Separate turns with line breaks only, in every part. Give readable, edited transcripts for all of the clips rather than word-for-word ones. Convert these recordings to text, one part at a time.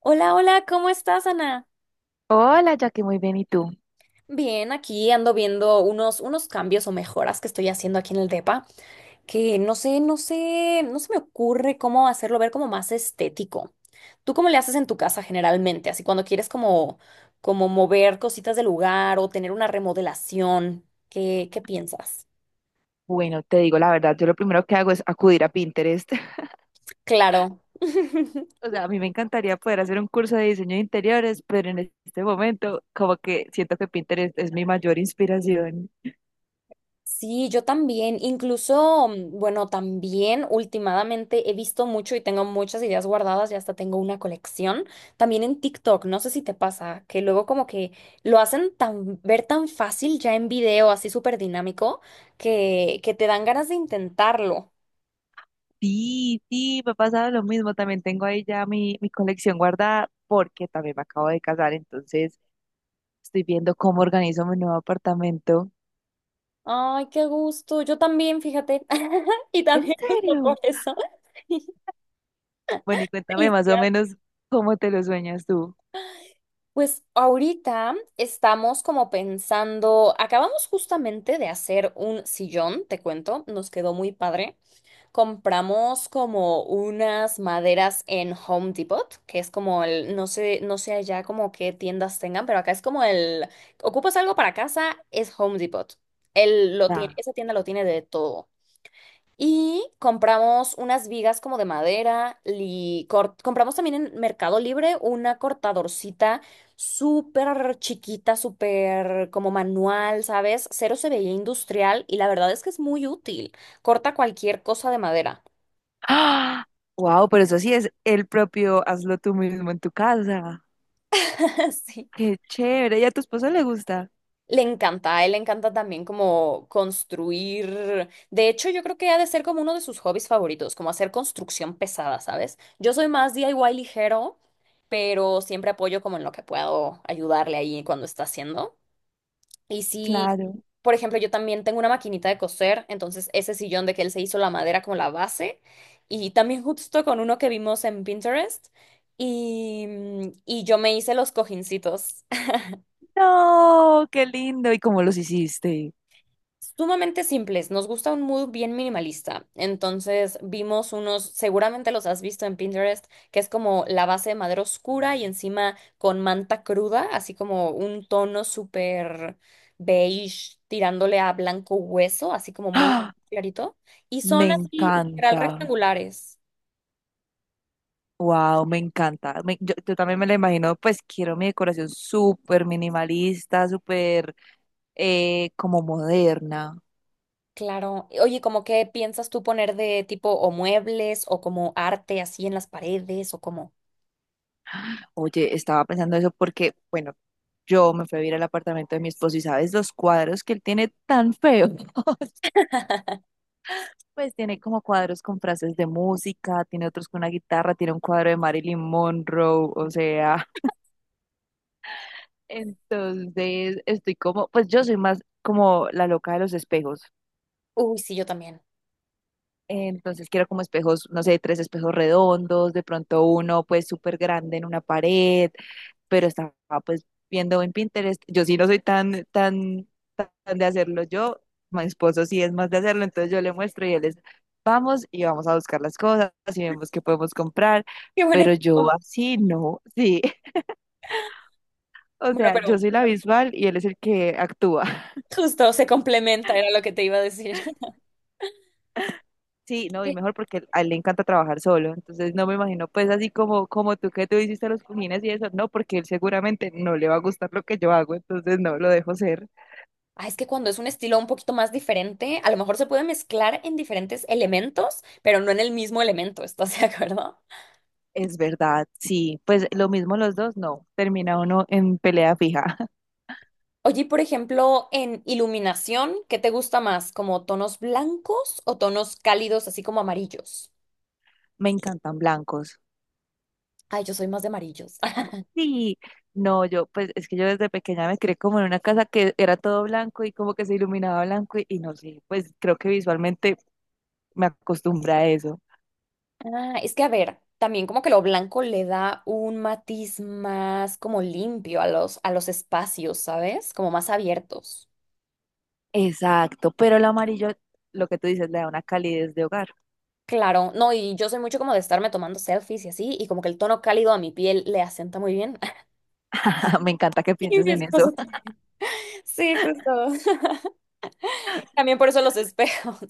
Hola, hola, ¿cómo estás, Ana?
Hola, Jackie, muy bien, ¿y tú?
Bien, aquí ando viendo unos cambios o mejoras que estoy haciendo aquí en el depa, que no sé, no se me ocurre cómo hacerlo ver como más estético. ¿Tú cómo le haces en tu casa generalmente? Así cuando quieres como, como mover cositas del lugar o tener una remodelación, ¿qué piensas?
Bueno, te digo la verdad, yo lo primero que hago es acudir a Pinterest.
Claro.
O sea, a mí me encantaría poder hacer un curso de diseño de interiores, pero en este momento como que siento que Pinterest es mi mayor inspiración.
Sí, yo también. Incluso, bueno, también últimamente he visto mucho y tengo muchas ideas guardadas y hasta tengo una colección. También en TikTok, no sé si te pasa, que luego como que lo hacen tan, ver tan fácil ya en video, así súper dinámico, que te dan ganas de intentarlo.
Sí, sí, me ha pasado lo mismo. También tengo ahí ya mi colección guardada porque también me acabo de casar, entonces estoy viendo cómo organizo mi nuevo apartamento.
Ay, qué gusto. Yo también, fíjate. Y
¿En
también justo
serio?
por eso.
Bueno, y cuéntame más o
Felicidades.
menos cómo te lo sueñas tú.
Pues ahorita estamos como pensando, acabamos justamente de hacer un sillón, te cuento, nos quedó muy padre. Compramos como unas maderas en Home Depot, que es como el, no sé allá como qué tiendas tengan, pero acá es como el, ocupas algo para casa, es Home Depot. Él lo tiene,
Ah.
esa tienda lo tiene de todo. Y compramos unas vigas como de madera y compramos también en Mercado Libre una cortadorcita súper chiquita, súper como manual, ¿sabes? Cero se veía industrial y la verdad es que es muy útil. Corta cualquier cosa de madera.
¡Ah! Wow, pero eso sí es el propio hazlo tú mismo en tu casa.
Sí.
Qué chévere. ¿Y a tu esposo le gusta?
Le encanta, a él le encanta también como construir. De hecho, yo creo que ha de ser como uno de sus hobbies favoritos, como hacer construcción pesada, ¿sabes? Yo soy más DIY ligero, pero siempre apoyo como en lo que puedo ayudarle ahí cuando está haciendo. Y sí,
Claro.
por ejemplo, yo también tengo una maquinita de coser, entonces ese sillón de que él se hizo la madera como la base, y también justo con uno que vimos en Pinterest, y, y yo me hice los cojincitos.
No, qué lindo. ¿Y cómo los hiciste?
Sumamente simples, nos gusta un mood bien minimalista. Entonces vimos unos, seguramente los has visto en Pinterest, que es como la base de madera oscura y encima con manta cruda, así como un tono súper beige tirándole a blanco hueso, así como muy
¡Ah!
clarito. Y son
Me
así literal
encanta.
rectangulares.
Wow, me encanta. Yo también me lo imagino, pues quiero mi decoración súper minimalista, súper como moderna.
Claro. Oye, ¿cómo qué piensas tú poner de tipo o muebles o como arte así en las paredes o como...
Oye, estaba pensando eso porque, bueno, yo me fui a vivir al apartamento de mi esposo y sabes los cuadros que él tiene tan feos. Pues tiene como cuadros con frases de música, tiene otros con una guitarra, tiene un cuadro de Marilyn Monroe, o sea, entonces estoy como, pues yo soy más como la loca de los espejos.
Uy, sí, yo también.
Entonces quiero como espejos, no sé, tres espejos redondos, de pronto uno pues súper grande en una pared, pero estaba pues viendo en Pinterest. Yo sí no soy tan de hacerlo yo, mi esposo sí es más de hacerlo, entonces yo le muestro y él es, vamos y vamos a buscar las cosas y vemos qué podemos comprar,
Qué buen
pero yo
equipo.
así no, sí. O
Bueno,
sea, yo
pero
soy la visual y él es el que actúa.
justo, se complementa, era lo que te iba a decir.
Sí, no, y mejor porque a él le encanta trabajar solo. Entonces no me imagino pues así como, como tú que tú hiciste los cojines y eso, no, porque él seguramente no le va a gustar lo que yo hago, entonces no, lo dejo ser.
Ah, es que cuando es un estilo un poquito más diferente, a lo mejor se puede mezclar en diferentes elementos, pero no en el mismo elemento, ¿estás de acuerdo?
Es verdad, sí. Pues lo mismo los dos, no. Termina uno en pelea fija.
Oye, y por ejemplo, en iluminación, ¿qué te gusta más? ¿Como tonos blancos o tonos cálidos, así como amarillos?
Me encantan blancos.
Ay, yo soy más de amarillos.
Sí. No, yo, pues es que yo desde pequeña me creé como en una casa que era todo blanco y como que se iluminaba blanco y no sé, pues creo que visualmente me acostumbré a eso.
Ah, es que a ver, también como que lo blanco le da un matiz más como limpio a los espacios, ¿sabes? Como más abiertos.
Exacto, pero el amarillo, lo que tú dices, le da una calidez de hogar.
Claro, no, y yo soy mucho como de estarme tomando selfies y así, y como que el tono cálido a mi piel le asienta muy bien.
Me encanta que
Y
pienses
mi
en eso.
esposo, sí, justo. También por eso los espejos.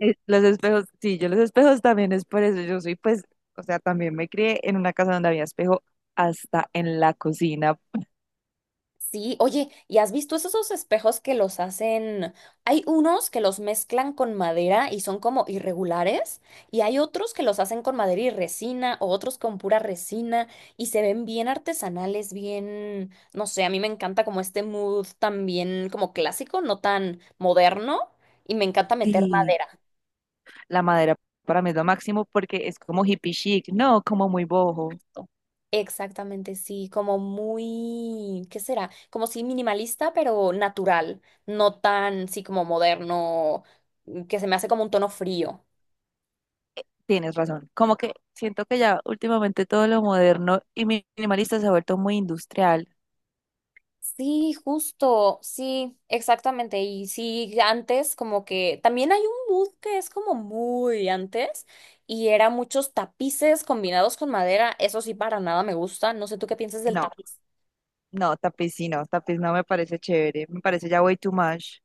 Los espejos, sí, yo los espejos también es por eso. Yo soy, pues, o sea, también me crié en una casa donde había espejo hasta en la cocina.
Sí, oye, ¿y has visto esos espejos que los hacen? Hay unos que los mezclan con madera y son como irregulares, y hay otros que los hacen con madera y resina, o otros con pura resina, y se ven bien artesanales, bien, no sé, a mí me encanta como este mood también como clásico, no tan moderno, y me encanta meter
Sí,
madera.
la madera para mí es lo máximo porque es como hippie chic, no como muy bojo.
Exactamente, sí, como muy, ¿qué será? Como sí minimalista, pero natural, no tan, sí, como moderno, que se me hace como un tono frío.
Tienes razón. Como que siento que ya últimamente todo lo moderno y minimalista se ha vuelto muy industrial.
Sí, justo, sí, exactamente. Y sí, antes como que también hay un mood que es como muy antes y era muchos tapices combinados con madera. Eso sí, para nada me gusta. No sé tú qué piensas del
No,
tapiz.
no, tapiz sí, no, tapiz no me parece chévere, me parece ya way too much.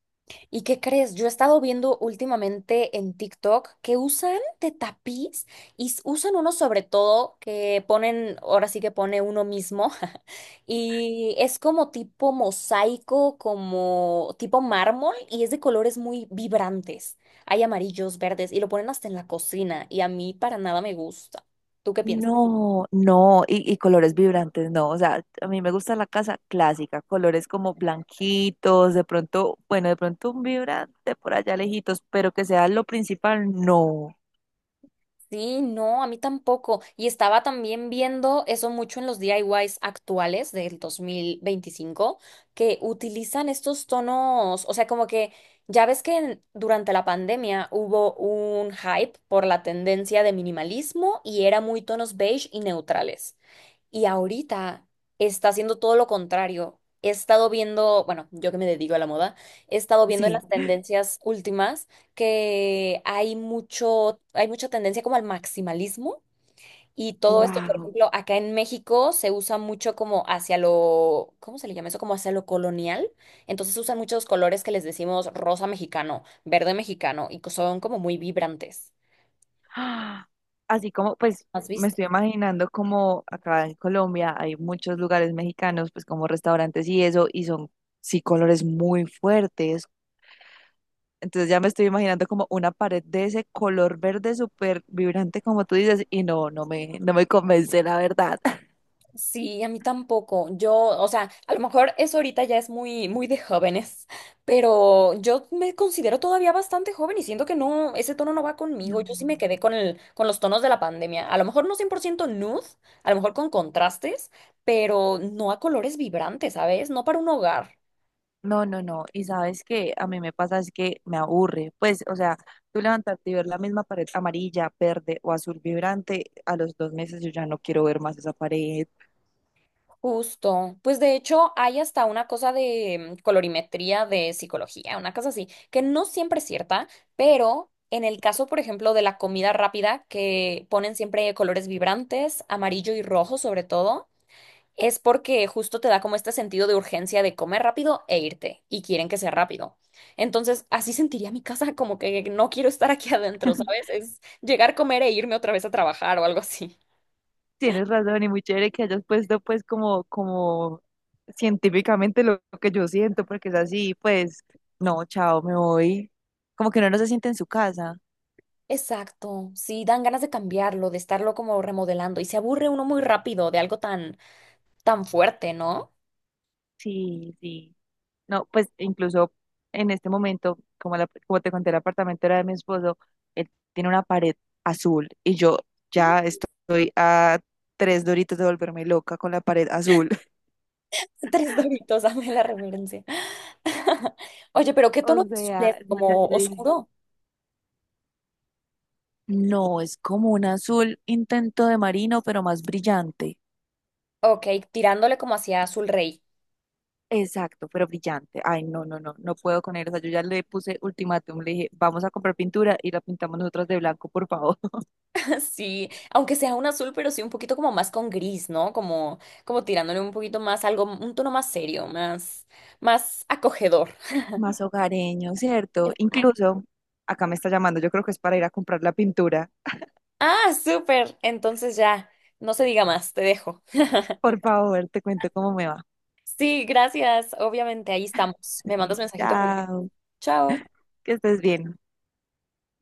¿Y qué crees? Yo he estado viendo últimamente en TikTok que usan de tapiz y usan uno sobre todo que ponen, ahora sí que pone uno mismo, y es como tipo mosaico, como tipo mármol y es de colores muy vibrantes. Hay amarillos, verdes y lo ponen hasta en la cocina y a mí para nada me gusta. ¿Tú qué piensas?
No, no, y colores vibrantes, no. O sea, a mí me gusta la casa clásica, colores como blanquitos, de pronto, bueno, de pronto un vibrante por allá lejitos, pero que sea lo principal, no.
Sí, no, a mí tampoco. Y estaba también viendo eso mucho en los DIYs actuales del 2025, que utilizan estos tonos, o sea, como que ya ves que durante la pandemia hubo un hype por la tendencia de minimalismo y era muy tonos beige y neutrales. Y ahorita está haciendo todo lo contrario. He estado viendo, bueno, yo que me dedico a la moda, he estado viendo en
Sí.
las tendencias últimas que hay mucha tendencia como al maximalismo y todo esto, por
Wow.
ejemplo, acá en México se usa mucho como hacia lo, ¿cómo se le llama eso? Como hacia lo colonial. Entonces usan muchos colores que les decimos rosa mexicano, verde mexicano y que son como muy vibrantes.
¡Ah! Así como, pues,
¿Has
me
visto?
estoy imaginando como acá en Colombia hay muchos lugares mexicanos, pues como restaurantes y eso, y son, sí, colores muy fuertes. Entonces ya me estoy imaginando como una pared de ese color verde súper vibrante, como tú dices, y no, no me convence, la verdad.
Sí, a mí tampoco. Yo, o sea, a lo mejor eso ahorita ya es muy de jóvenes, pero yo me considero todavía bastante joven y siento que no, ese tono no va conmigo. Yo sí
No,
me quedé con el, con los tonos de la pandemia. A lo mejor no 100% nude, a lo mejor con contrastes, pero no a colores vibrantes, ¿sabes? No para un hogar.
no, no, no. Y sabes que a mí me pasa es que me aburre. Pues, o sea, tú levantarte y ver la misma pared amarilla, verde o azul vibrante, a los dos meses yo ya no quiero ver más esa pared.
Justo. Pues de hecho hay hasta una cosa de colorimetría de psicología, una cosa así, que no siempre es cierta, pero en el caso, por ejemplo, de la comida rápida, que ponen siempre colores vibrantes, amarillo y rojo sobre todo, es porque justo te da como este sentido de urgencia de comer rápido e irte, y quieren que sea rápido. Entonces, así sentiría mi casa, como que no quiero estar aquí adentro, ¿sabes? Es llegar, comer e irme otra vez a trabajar o algo así.
Tienes razón y muy chévere que hayas puesto pues como, como científicamente lo que yo siento, porque es así, pues, no, chao, me voy. Como que uno no se siente en su casa.
Exacto, sí, dan ganas de cambiarlo, de estarlo como remodelando y se aburre uno muy rápido de algo tan, tan fuerte, ¿no?
Sí, sí. No, pues incluso en este momento, como, como te conté, el apartamento era de mi esposo, él tiene una pared azul y yo
Mm.
ya estoy a tres doritos de volverme loca con la pared azul.
Tres doritos, dame la referencia. Oye, pero ¿qué
O
tono de azul
sea,
es?
yo ya
¿Como
te dije.
oscuro?
No, es como un azul intento de marino, pero más brillante.
Ok, tirándole como hacia azul rey.
Exacto, pero brillante. Ay, no, no, no, no puedo con él. O sea, yo ya le puse ultimátum, le dije, vamos a comprar pintura y la pintamos nosotras de blanco, por favor.
Sí, aunque sea un azul, pero sí un poquito como más con gris, ¿no? Como, como tirándole un poquito más, algo, un tono más serio, más, más acogedor.
Más hogareño, ¿cierto?
Exacto.
Incluso, acá me está llamando, yo creo que es para ir a comprar la pintura.
Ah, súper. Entonces ya, no se diga más, te dejo.
Por favor, te cuento cómo me va.
Sí, gracias. Obviamente, ahí estamos. Me mandas mensajito. Cualquier-
Chao,
Chao.
que estés bien.